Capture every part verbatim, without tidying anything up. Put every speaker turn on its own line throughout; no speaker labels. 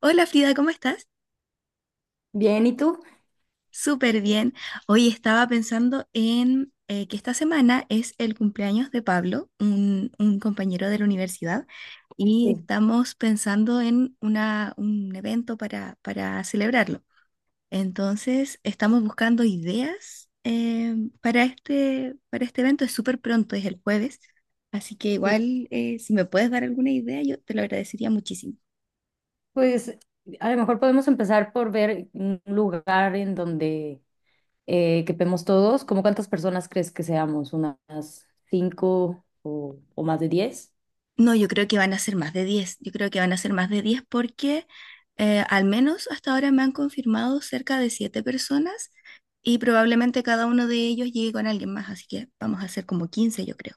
Hola Frida, ¿cómo estás?
Bien, ¿y tú?
Súper bien. Hoy estaba pensando en eh, que esta semana es el cumpleaños de Pablo, un, un compañero de la universidad, y
Sí.
estamos pensando en una, un evento para, para celebrarlo. Entonces, estamos buscando ideas eh, para este, para este evento. Es súper pronto, es el jueves, así que
Sí.
igual eh, si me puedes dar alguna idea, yo te lo agradecería muchísimo.
Pues a lo mejor podemos empezar por ver un lugar en donde eh, quepemos todos. ¿Cómo cuántas personas crees que seamos? ¿Unas cinco o, o más de diez?
No, yo creo que van a ser más de diez. Yo creo que van a ser más de diez porque eh, al menos hasta ahora me han confirmado cerca de siete personas y probablemente cada uno de ellos llegue con alguien más, así que vamos a ser como quince, yo creo.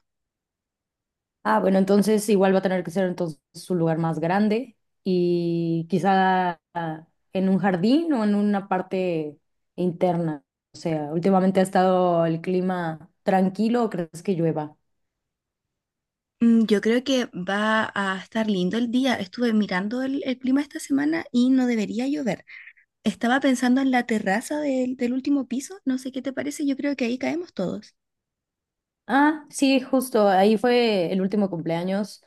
Ah, bueno, entonces igual va a tener que ser entonces un lugar más grande y quizá ah, en un jardín o en una parte interna. O sea, últimamente ha estado el clima tranquilo, ¿o crees que llueva?
Mm, yo creo que va a estar lindo el día. Estuve mirando el, el clima esta semana y no debería llover. Estaba pensando en la terraza del, del último piso. No sé qué te parece. Yo creo que ahí caemos todos.
Ah, sí, justo, ahí fue el último cumpleaños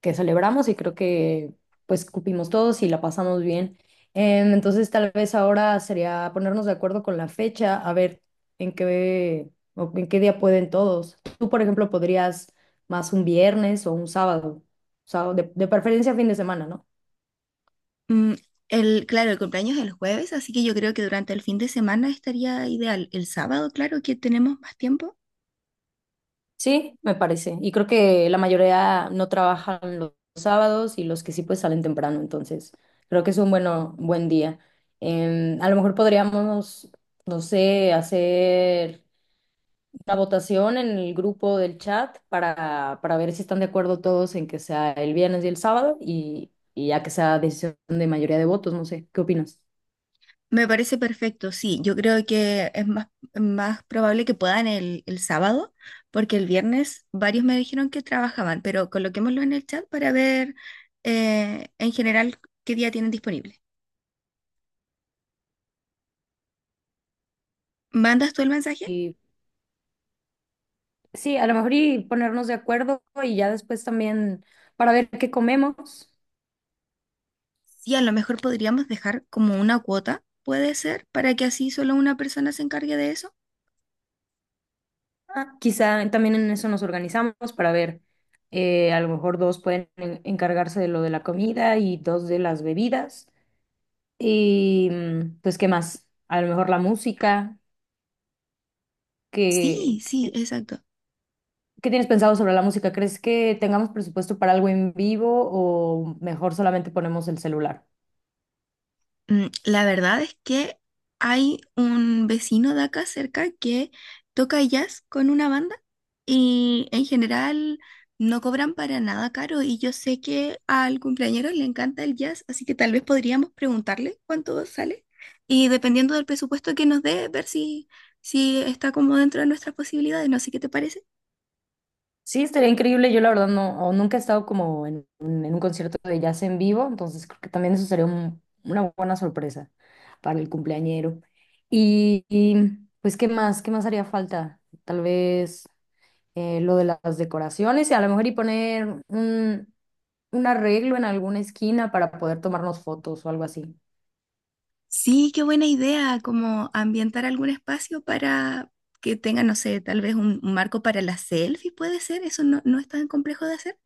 que celebramos y creo que pues cupimos todos y la pasamos bien. Em, entonces tal vez ahora sería ponernos de acuerdo con la fecha, a ver en qué o en qué día pueden todos. Tú, por ejemplo, podrías más un viernes o un sábado, sábado de, de preferencia fin de semana, ¿no?
Mm, el, claro, el cumpleaños es el jueves, así que yo creo que durante el fin de semana estaría ideal. El sábado, claro, que tenemos más tiempo.
Sí, me parece. Y creo que la mayoría no trabajan los sábados y los que sí pues salen temprano, entonces creo que es un bueno, buen día. Em, a lo mejor podríamos, no sé, hacer una votación en el grupo del chat para, para ver si están de acuerdo todos en que sea el viernes y el sábado y, y ya que sea decisión de mayoría de votos, no sé, ¿qué opinas?
Me parece perfecto, sí. Yo creo que es más, más probable que puedan el, el sábado, porque el viernes varios me dijeron que trabajaban, pero coloquémoslo en el chat para ver eh, en general qué día tienen disponible. ¿Mandas tú el mensaje?
Y sí, a lo mejor y ponernos de acuerdo y ya después también para ver qué comemos.
Sí, a lo mejor podríamos dejar como una cuota, puede ser, para que así solo una persona se encargue de eso.
Ah, quizá también en eso nos organizamos para ver, eh, a lo mejor dos pueden en- encargarse de lo de la comida y dos de las bebidas. Y mm, pues, ¿qué más? A lo mejor la música.
Sí,
¿Qué,
sí,
qué,
exacto.
¿qué tienes pensado sobre la música? ¿Crees que tengamos presupuesto para algo en vivo o mejor solamente ponemos el celular?
Mm, la verdad es que hay un vecino de acá cerca que toca jazz con una banda y en general no cobran para nada caro y yo sé que al cumpleañero le encanta el jazz, así que tal vez podríamos preguntarle cuánto sale y dependiendo del presupuesto que nos dé, ver si, si está como dentro de nuestras posibilidades, no sé qué te parece.
Sí, estaría increíble. Yo la verdad no, o nunca he estado como en, un en un concierto de jazz en vivo, entonces creo que también eso sería un- una buena sorpresa para el cumpleañero. Y, y, pues, ¿qué más? ¿Qué más haría falta? Tal vez eh, lo de las decoraciones y a lo mejor y poner un, un arreglo en alguna esquina para poder tomarnos fotos o algo así.
Sí, qué buena idea, como ambientar algún espacio para que tenga, no sé, tal vez un, un marco para las selfies, puede ser, eso no, no es tan complejo de hacer.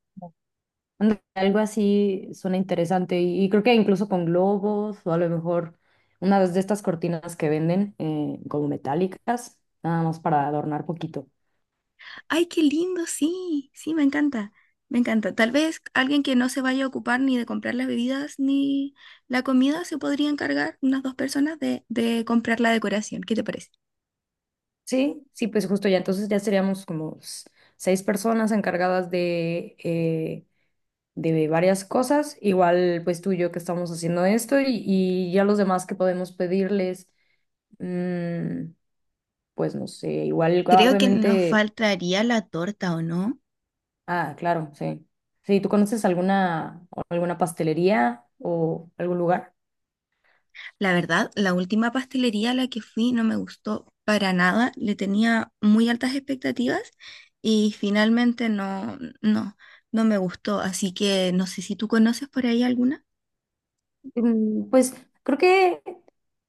Anda, algo así suena interesante y, y creo que incluso con globos o a lo mejor una de estas cortinas que venden eh, como metálicas, nada más para adornar poquito.
Ay, qué lindo, sí, sí, me encanta, me encanta. Tal vez alguien que no se vaya a ocupar ni de comprar las bebidas ni la comida se podría encargar, unas dos personas, de, de comprar la decoración, ¿qué te parece?
Sí, sí, pues justo ya, entonces ya seríamos como s- seis personas encargadas de, eh, de varias cosas, igual pues tú y yo que estamos haciendo esto y, y ya los demás que podemos pedirles, mm, pues no sé, igual
Creo que nos
obviamente...
faltaría la torta, ¿o no?
Ah, claro, sí. Sí, ¿tú conoces alguna, o alguna pastelería o algún lugar?
La verdad, la última pastelería a la que fui no me gustó para nada. Le tenía muy altas expectativas y finalmente no, no, no me gustó. Así que no sé si tú conoces por ahí alguna.
Mm, pues creo que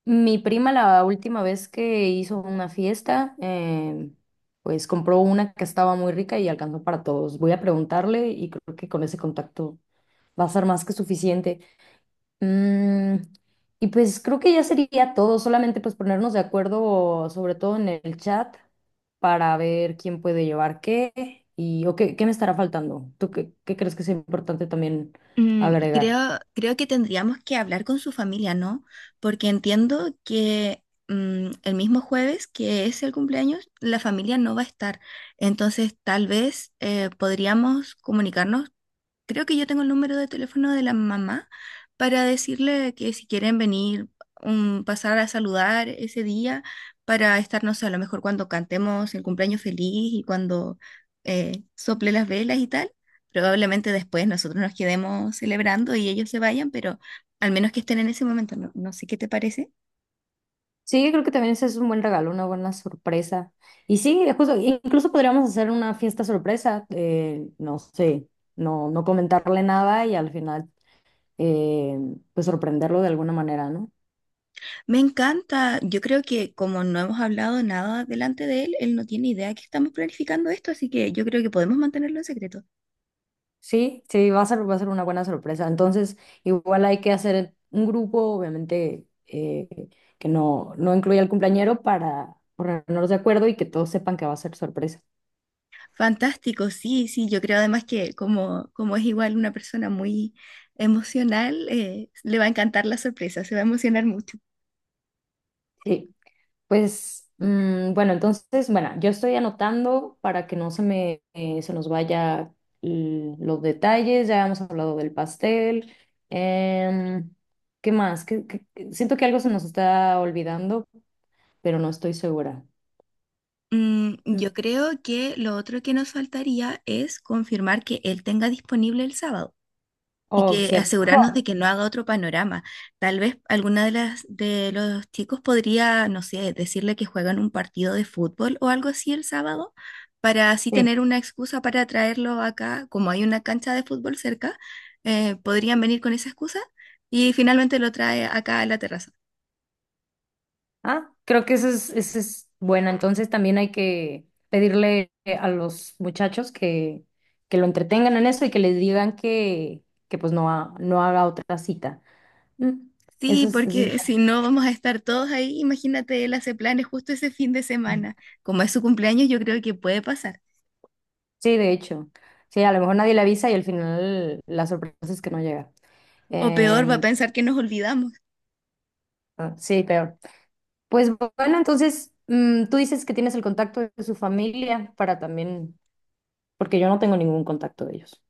mi prima la última vez que hizo una fiesta, em, pues compró una que estaba muy rica y alcanzó para todos. Voy a preguntarle y creo que con ese contacto va a ser más que suficiente. Mm, y pues creo que ya sería todo, solamente pues ponernos de acuerdo, sobre todo en el chat, para ver quién puede llevar qué y o qué, qué me estará faltando. ¿Tú qué, qué crees que es importante también
Mm,
agregar?
creo, creo que tendríamos que hablar con su familia, ¿no? Porque entiendo que mm, el mismo jueves, que es el cumpleaños, la familia no va a estar. Entonces, tal vez eh, podríamos comunicarnos, creo que yo tengo el número de teléfono de la mamá para decirle que si quieren venir, um, pasar a saludar ese día para estar, no sé, a lo mejor cuando cantemos el cumpleaños feliz y cuando eh, sople las velas y tal. Probablemente después nosotros nos quedemos celebrando y ellos se vayan, pero al menos que estén en ese momento, no, no sé qué te parece.
Sí, creo que también ese es un buen regalo, una buena sorpresa. Y sí, justo, incluso podríamos hacer una fiesta sorpresa, eh, no sé, no, no comentarle nada y al final eh, pues sorprenderlo de alguna manera, ¿no?
Me encanta, yo creo que como no hemos hablado nada delante de él, él no tiene idea que estamos planificando esto, así que yo creo que podemos mantenerlo en secreto.
Sí, sí, va a ser, va a ser una buena sorpresa. Entonces, igual hay que hacer un grupo, obviamente, eh, que no, no incluya al cumpleañero para ponernos de acuerdo y que todos sepan que va a ser sorpresa.
Fantástico, sí, sí, yo creo además que como, como es igual una persona muy emocional, eh, le va a encantar la sorpresa, se va a emocionar mucho.
Sí, pues, mm, bueno, entonces, bueno, yo estoy anotando para que no se me, eh, se nos vaya l- los detalles. Ya hemos hablado del pastel. Em, ¿Qué más? ¿Qué- qué- ¿qué? Siento que algo se nos está olvidando, pero no estoy segura.
Mm,
Mm,
yo creo que lo otro que nos faltaría es confirmar que él tenga disponible el sábado. Y
oh,
que
cierto.
asegurarnos de que no haga otro panorama. Tal vez alguna de las de los chicos podría, no sé, decirle que juegan un partido de fútbol o algo así el sábado, para así
Sí.
tener una excusa para traerlo acá, como hay una cancha de fútbol cerca, eh, podrían venir con esa excusa y finalmente lo trae acá a la terraza.
Ah, creo que eso es, eso es bueno. Entonces también hay que pedirle a los muchachos que, que lo entretengan en eso y que les digan que, que pues no, ha- no haga otra cita. Mm, Eso
Sí,
es, eso es
porque si no vamos a estar todos ahí, imagínate, él hace planes justo ese fin de
bueno.
semana. Como es su cumpleaños, yo creo que puede pasar.
Sí, de hecho. Sí, a lo mejor nadie le avisa y al final la sorpresa es que no llega.
O peor, va a
Em,
pensar que nos olvidamos.
ah, sí, peor. Pues bueno, entonces mm, tú dices que tienes el contacto de su familia para también, porque yo no tengo ningún contacto de ellos.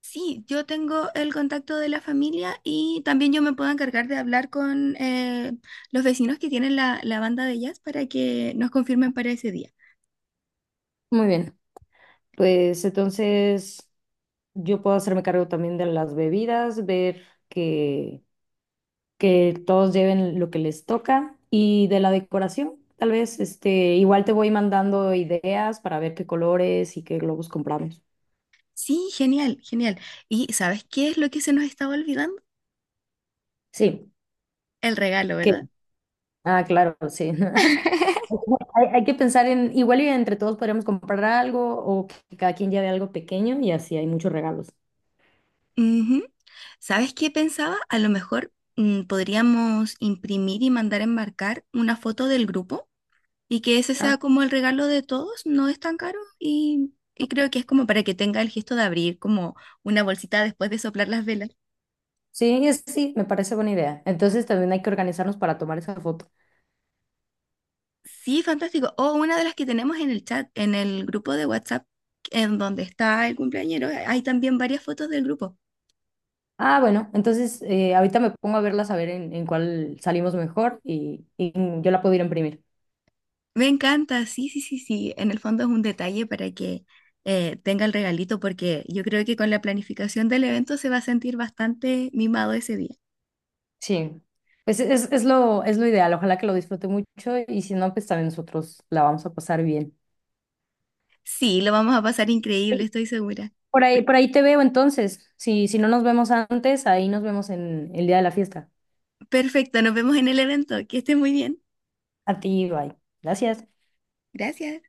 Sí, yo tengo el contacto de la familia y también yo me puedo encargar de hablar con eh, los vecinos que tienen la, la banda de jazz para que nos confirmen para ese día.
Muy bien, pues entonces. Yo puedo hacerme cargo también de las bebidas, ver que, que todos lleven lo que les toca y de la decoración, tal vez, este, igual te voy mandando ideas para ver qué colores y qué globos compramos.
Sí, genial, genial. ¿Y sabes qué es lo que se nos estaba olvidando?
Sí,
El regalo,
que,
¿verdad?
ah, claro, sí. Hay, hay que pensar en, igual y entre todos podríamos comprar algo o que cada quien lleve algo pequeño y así hay muchos regalos.
Ujú. ¿Sabes qué pensaba? A lo mejor mm, podríamos imprimir y mandar a enmarcar una foto del grupo. Y que ese sea
Ah,
como el regalo de todos, no es tan caro y, y creo que es como para que tenga el gesto de abrir como una bolsita después de soplar las velas.
sí, es- sí, me parece buena idea. Entonces también hay que organizarnos para tomar esa foto.
Sí, fantástico. O una de las que tenemos en el chat, en el grupo de WhatsApp, en donde está el cumpleañero, hay también varias fotos del grupo.
Ah, bueno, entonces eh, ahorita me pongo a verlas a ver en, en cuál salimos mejor y, y yo la puedo ir a imprimir.
Me encanta, sí, sí, sí, sí. En el fondo es un detalle para que eh, tenga el regalito porque yo creo que con la planificación del evento se va a sentir bastante mimado ese día.
Sí, pues es, es lo, es lo ideal, ojalá que lo disfrute mucho y si no, pues también nosotros la vamos a pasar bien.
Sí, lo vamos a pasar increíble, estoy segura.
Por ahí, por ahí te veo entonces, si, si no nos vemos antes, ahí nos vemos en el día de la fiesta.
Perfecto, nos vemos en el evento. Que estés muy bien.
A ti, bye. Gracias.
Gracias.